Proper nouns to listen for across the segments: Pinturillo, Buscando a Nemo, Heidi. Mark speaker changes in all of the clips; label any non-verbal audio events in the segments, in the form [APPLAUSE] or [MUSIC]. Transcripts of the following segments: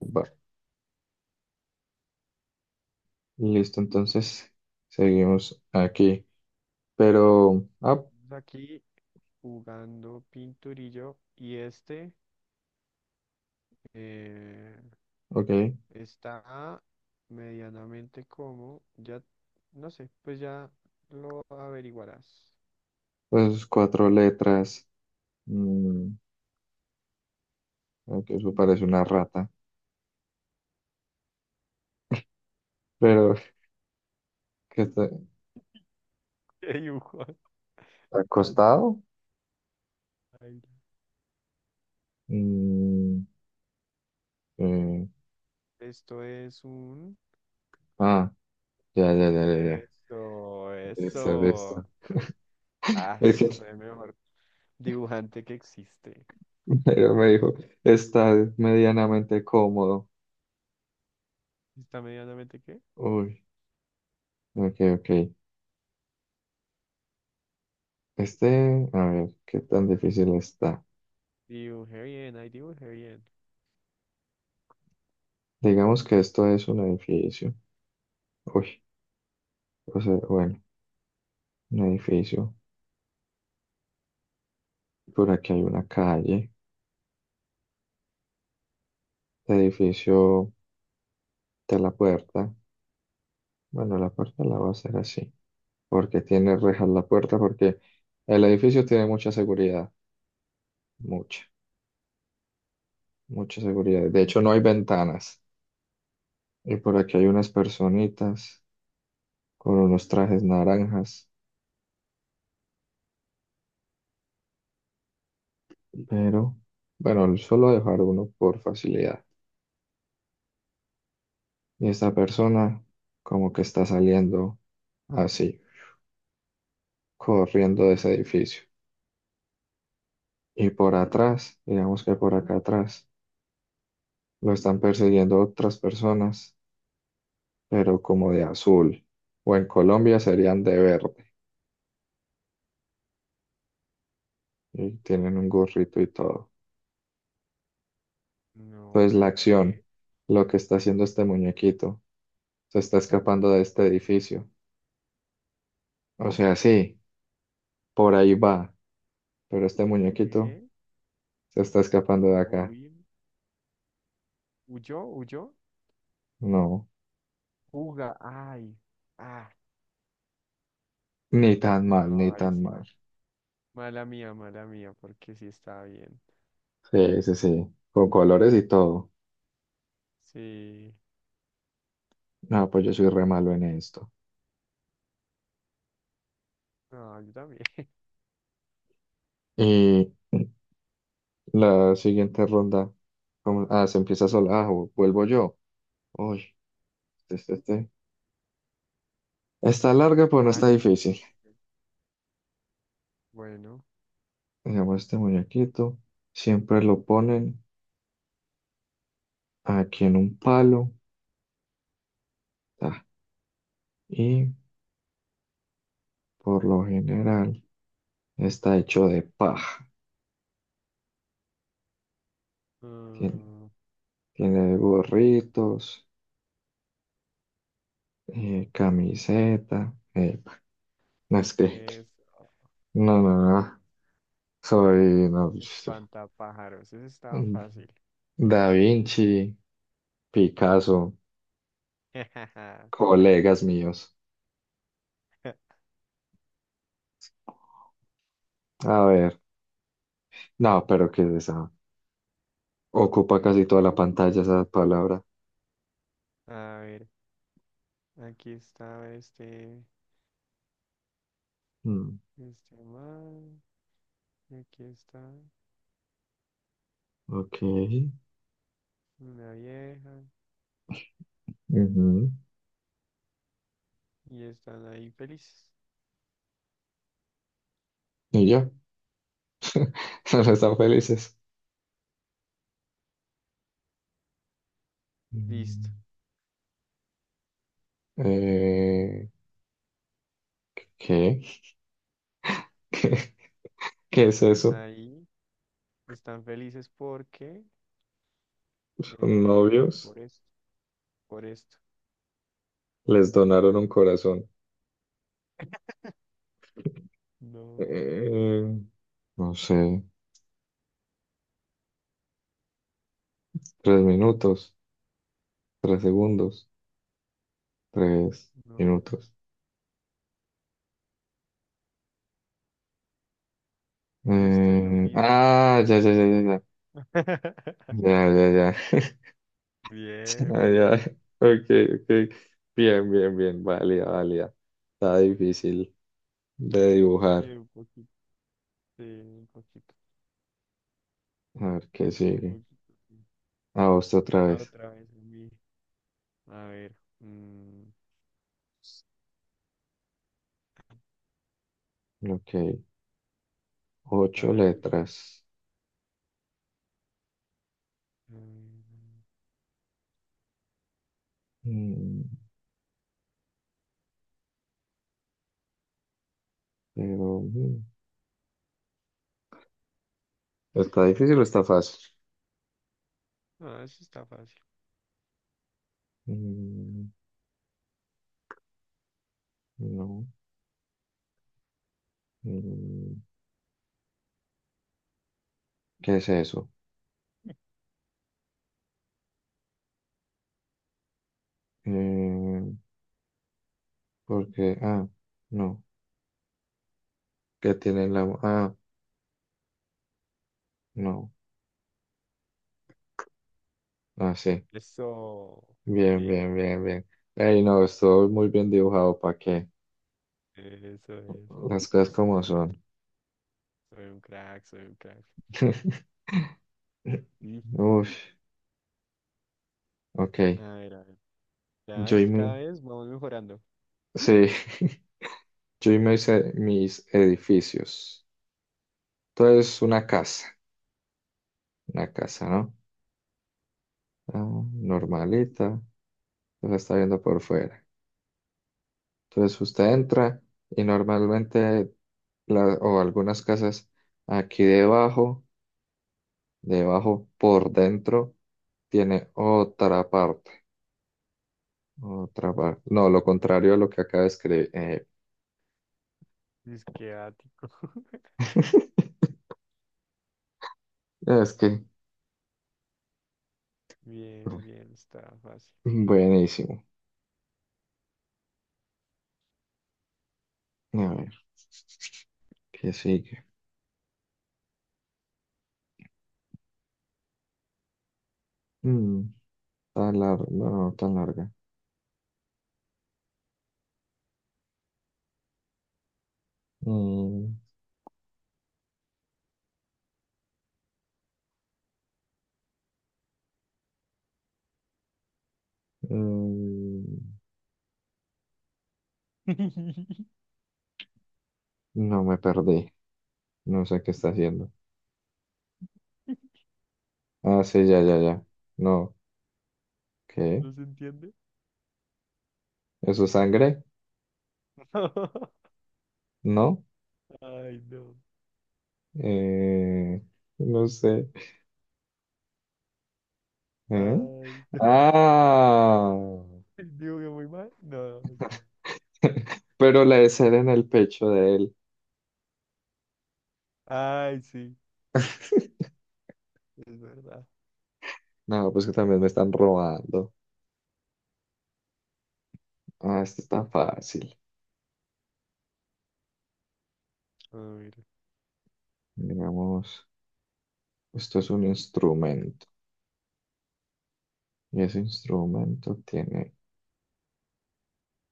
Speaker 1: Bar. Listo, entonces seguimos aquí. Pero,
Speaker 2: Estamos aquí jugando Pinturillo y eh,
Speaker 1: ok,
Speaker 2: está medianamente como, ya no sé, pues ya lo averiguarás.
Speaker 1: pues cuatro letras. Mm, ok, eso parece una rata. Pero, ¿qué está?
Speaker 2: [LAUGHS] Qué dibujo tan
Speaker 1: ¿Acostado?
Speaker 2: baila.
Speaker 1: Mm, eh,
Speaker 2: Esto es un,
Speaker 1: ah, ya, ya, ya, ya, ya.
Speaker 2: eso,
Speaker 1: Listo,
Speaker 2: eso.
Speaker 1: listo.
Speaker 2: Ah,
Speaker 1: Es que
Speaker 2: soy el mejor dibujante que existe.
Speaker 1: [LAUGHS] pero me dijo, está medianamente cómodo.
Speaker 2: ¿Está medianamente qué?
Speaker 1: Uy, ok, ok. Este, a ver, ¿qué tan difícil está?
Speaker 2: Dibujé bien, ahí dibujé bien.
Speaker 1: Digamos que esto es un edificio. Uy, o sea, bueno, un edificio. Por aquí hay una calle. El edificio de la puerta. Bueno, la puerta la voy a hacer así. Porque tiene rejas la puerta. Porque el edificio tiene mucha seguridad. Mucha, mucha seguridad. De hecho, no hay ventanas. Y por aquí hay unas personitas con unos trajes naranjas. Pero, bueno, solo voy a dejar uno por facilidad. Y esta persona como que está saliendo así, corriendo de ese edificio. Y por atrás, digamos que por acá atrás, lo están persiguiendo otras personas, pero como de azul. O en Colombia serían de verde y tienen un gorrito y todo.
Speaker 2: No,
Speaker 1: Entonces la
Speaker 2: pero
Speaker 1: acción,
Speaker 2: ¿qué?
Speaker 1: lo que está haciendo este muñequito, se está escapando de este edificio. O sea, sí, por ahí va, pero este muñequito
Speaker 2: ¿Qué?
Speaker 1: se está escapando de
Speaker 2: No,
Speaker 1: acá.
Speaker 2: uy, ¿huyó? ¿Huyó?
Speaker 1: No,
Speaker 2: Juga. Ay. Ah,
Speaker 1: ni tan mal, ni
Speaker 2: no, ahí
Speaker 1: tan
Speaker 2: sí.
Speaker 1: mal.
Speaker 2: Mala mía, porque sí está bien.
Speaker 1: Sí, sí, sí, con colores y todo.
Speaker 2: Sí.
Speaker 1: No, pues yo soy re malo
Speaker 2: Ay,
Speaker 1: en esto.
Speaker 2: no, yo también. [LAUGHS]
Speaker 1: Y... La siguiente ronda. ¿Cómo? Ah, se empieza sola. Ah, vuelvo yo. Uy, este, este. este. Está larga, pero no
Speaker 2: Ah,
Speaker 1: está
Speaker 2: yo pensé
Speaker 1: difícil.
Speaker 2: que era yo. Bueno.
Speaker 1: Digamos, este muñequito siempre lo ponen aquí en un palo. ta, Y por lo general está hecho de paja. Tiene,
Speaker 2: mm,
Speaker 1: tiene gorritos, camiseta. No, es que.
Speaker 2: es
Speaker 1: No, no, no. Soy. No,
Speaker 2: espantapájaros. Ese estaba fácil.
Speaker 1: Da Vinci, Picasso,
Speaker 2: [LAUGHS]
Speaker 1: colegas míos. A ver, no, pero ¿qué es esa? Ocupa casi toda la pantalla esa palabra.
Speaker 2: A ver, aquí está
Speaker 1: Mm,
Speaker 2: este man, y aquí está
Speaker 1: ok.
Speaker 2: una vieja,
Speaker 1: Ujú.
Speaker 2: y están ahí felices.
Speaker 1: ¿Y ya? [LAUGHS] ¿No están felices?
Speaker 2: Listo.
Speaker 1: Mm, eh, ¿qué? [LAUGHS] ¿Qué es eso?
Speaker 2: Ahí están felices porque,
Speaker 1: ¿Son novios?
Speaker 2: por esto, por esto.
Speaker 1: Les donaron un corazón.
Speaker 2: No,
Speaker 1: Eh, no sé. 3 minutos. 3 segundos. Tres
Speaker 2: no,
Speaker 1: minutos.
Speaker 2: esto es lo
Speaker 1: Eh,
Speaker 2: mismo.
Speaker 1: ah, ya, ya, ya, ya, ya. Ya,
Speaker 2: [LAUGHS]
Speaker 1: ya, ya. [LAUGHS]
Speaker 2: Bien,
Speaker 1: Ay, ay,
Speaker 2: bien,
Speaker 1: ok, ok. Bien, bien, bien. Válida, válida. Está difícil de
Speaker 2: sí,
Speaker 1: dibujar.
Speaker 2: un poquito, sí, un poquito,
Speaker 1: A ver qué
Speaker 2: un
Speaker 1: sigue.
Speaker 2: poquito. Sí.
Speaker 1: A vos otra
Speaker 2: Ah,
Speaker 1: vez.
Speaker 2: otra vez a mí. A ver, mm,
Speaker 1: Ok.
Speaker 2: a
Speaker 1: Ocho
Speaker 2: ver.
Speaker 1: letras.
Speaker 2: mm,
Speaker 1: Mm, pero ¿está difícil o está fácil?
Speaker 2: No, eso está fácil.
Speaker 1: Mm, no. Mm, ¿qué es eso? Eh, porque, no. ¿Qué tiene en la mano? Ah, no. Ah, sí.
Speaker 2: Eso,
Speaker 1: Bien,
Speaker 2: bien,
Speaker 1: bien, bien, bien. Ey, no, estuvo muy bien dibujado. ¿Para qué?
Speaker 2: eso, eso.
Speaker 1: Las cosas como son.
Speaker 2: Soy un crack, soy un crack.
Speaker 1: [LAUGHS]
Speaker 2: Y,
Speaker 1: Uf,
Speaker 2: a
Speaker 1: ok.
Speaker 2: ver, a ver. Ya
Speaker 1: Yo
Speaker 2: es,
Speaker 1: y
Speaker 2: cada
Speaker 1: mi...
Speaker 2: vez vamos mejorando.
Speaker 1: Sí, [LAUGHS] yo y mis edificios. Entonces, una casa. Una casa, ¿no? Ah,
Speaker 2: Ujú.
Speaker 1: normalita. La está viendo por fuera. Entonces, usted entra y normalmente, o algunas casas aquí debajo, debajo por dentro, tiene otra parte. Otra parte. No, lo contrario a lo que acaba de escribir.
Speaker 2: Que
Speaker 1: [LAUGHS] Es que,
Speaker 2: Bien, bien, está fácil.
Speaker 1: buenísimo. A ver, ¿qué sigue? Mm, tan larga, no, no, tan larga. Mm, mm,
Speaker 2: [LAUGHS]
Speaker 1: no me perdí. No sé qué está haciendo. Ah, sí, ya, ya, ya. No, ¿qué?
Speaker 2: ¿No se entiende?
Speaker 1: ¿Eso es sangre?
Speaker 2: [LAUGHS]
Speaker 1: No.
Speaker 2: Ay, no.
Speaker 1: Eh, no sé. ¿Eh?
Speaker 2: Ay, no. [LAUGHS]
Speaker 1: Ah,
Speaker 2: Digo que muy mal. No.
Speaker 1: [LAUGHS] pero la de ser en el pecho de él.
Speaker 2: Ay, sí,
Speaker 1: [LAUGHS]
Speaker 2: es verdad.
Speaker 1: No, pues que también me están robando. Ah, esto está fácil.
Speaker 2: Ah, mira,
Speaker 1: Digamos, esto es un instrumento y ese instrumento tiene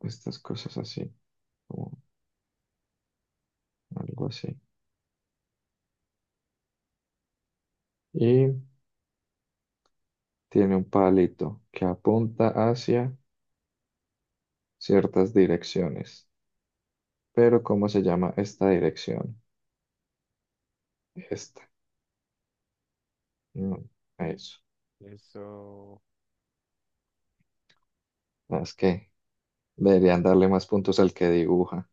Speaker 1: estas cosas así, como algo así. Y tiene un palito que apunta hacia ciertas direcciones. Pero ¿cómo se llama esta dirección? Esta. No, a eso.
Speaker 2: eso.
Speaker 1: No, es que deberían darle más puntos al que dibuja.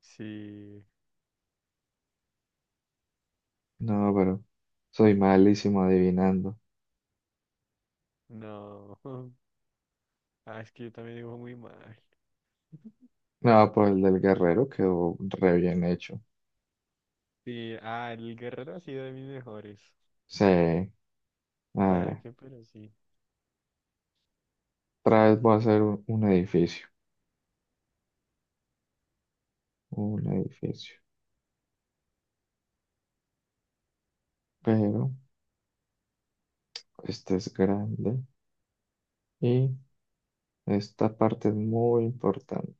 Speaker 2: Sí,
Speaker 1: No, pero soy malísimo adivinando.
Speaker 2: no. [LAUGHS] Ah, es que yo también digo muy mal.
Speaker 1: No, pues el del guerrero quedó re bien hecho.
Speaker 2: Sí, ah, el guerrero ha sido de mis mejores.
Speaker 1: Sí. A
Speaker 2: ¿Para
Speaker 1: ver.
Speaker 2: qué? Pero sí.
Speaker 1: Otra vez voy a hacer un edificio, un edificio. Pero este es grande y esta parte es muy importante.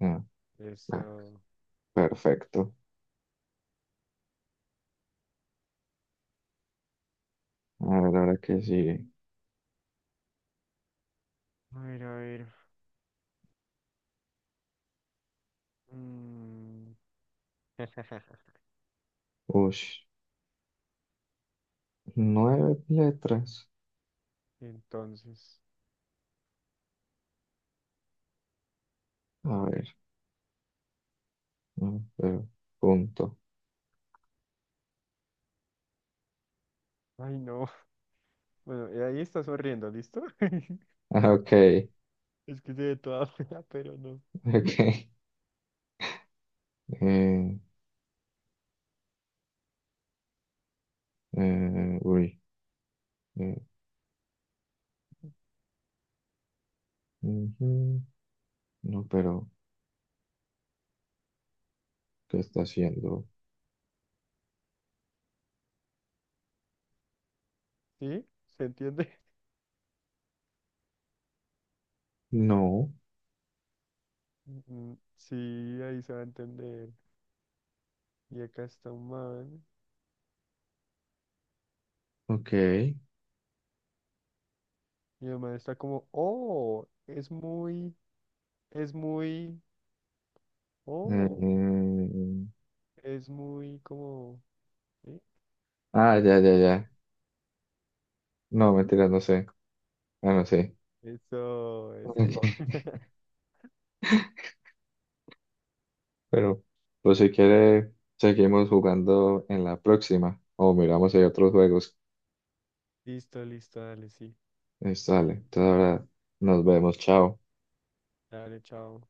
Speaker 1: Ah, ah,
Speaker 2: Eso.
Speaker 1: perfecto. A ver, ahora qué sigue.
Speaker 2: A ver, a ver. Mm. [LAUGHS]
Speaker 1: Ush, nueve letras.
Speaker 2: Entonces.
Speaker 1: A ver, no, pero punto.
Speaker 2: Ay, no. Bueno, y ahí está sonriendo, ¿listo? [LAUGHS]
Speaker 1: [LAUGHS] Ah, ok,
Speaker 2: Es que se ve toda [LAUGHS] fea, pero no.
Speaker 1: ok. Eh, uy. eh, ujú. No, pero ¿qué está haciendo?
Speaker 2: ¿Sí? ¿Se entiende? [LAUGHS]
Speaker 1: No,
Speaker 2: Mm, mm, sí, ahí se va a entender. Y acá está un man.
Speaker 1: ok. Eh,
Speaker 2: Y el man está como, oh, es muy, oh, es muy como, ¿sí?
Speaker 1: ah, ya, ya, ya. No, mentira, no sé. Ah, no sé.
Speaker 2: Eso, eso.
Speaker 1: [LAUGHS]
Speaker 2: [LAUGHS]
Speaker 1: Pero, pues si quiere, seguimos jugando en la próxima. O miramos si hay otros juegos.
Speaker 2: Listo, listo, dale, sí.
Speaker 1: Sale. Entonces ahora nos vemos. Chao.
Speaker 2: Dale, chao.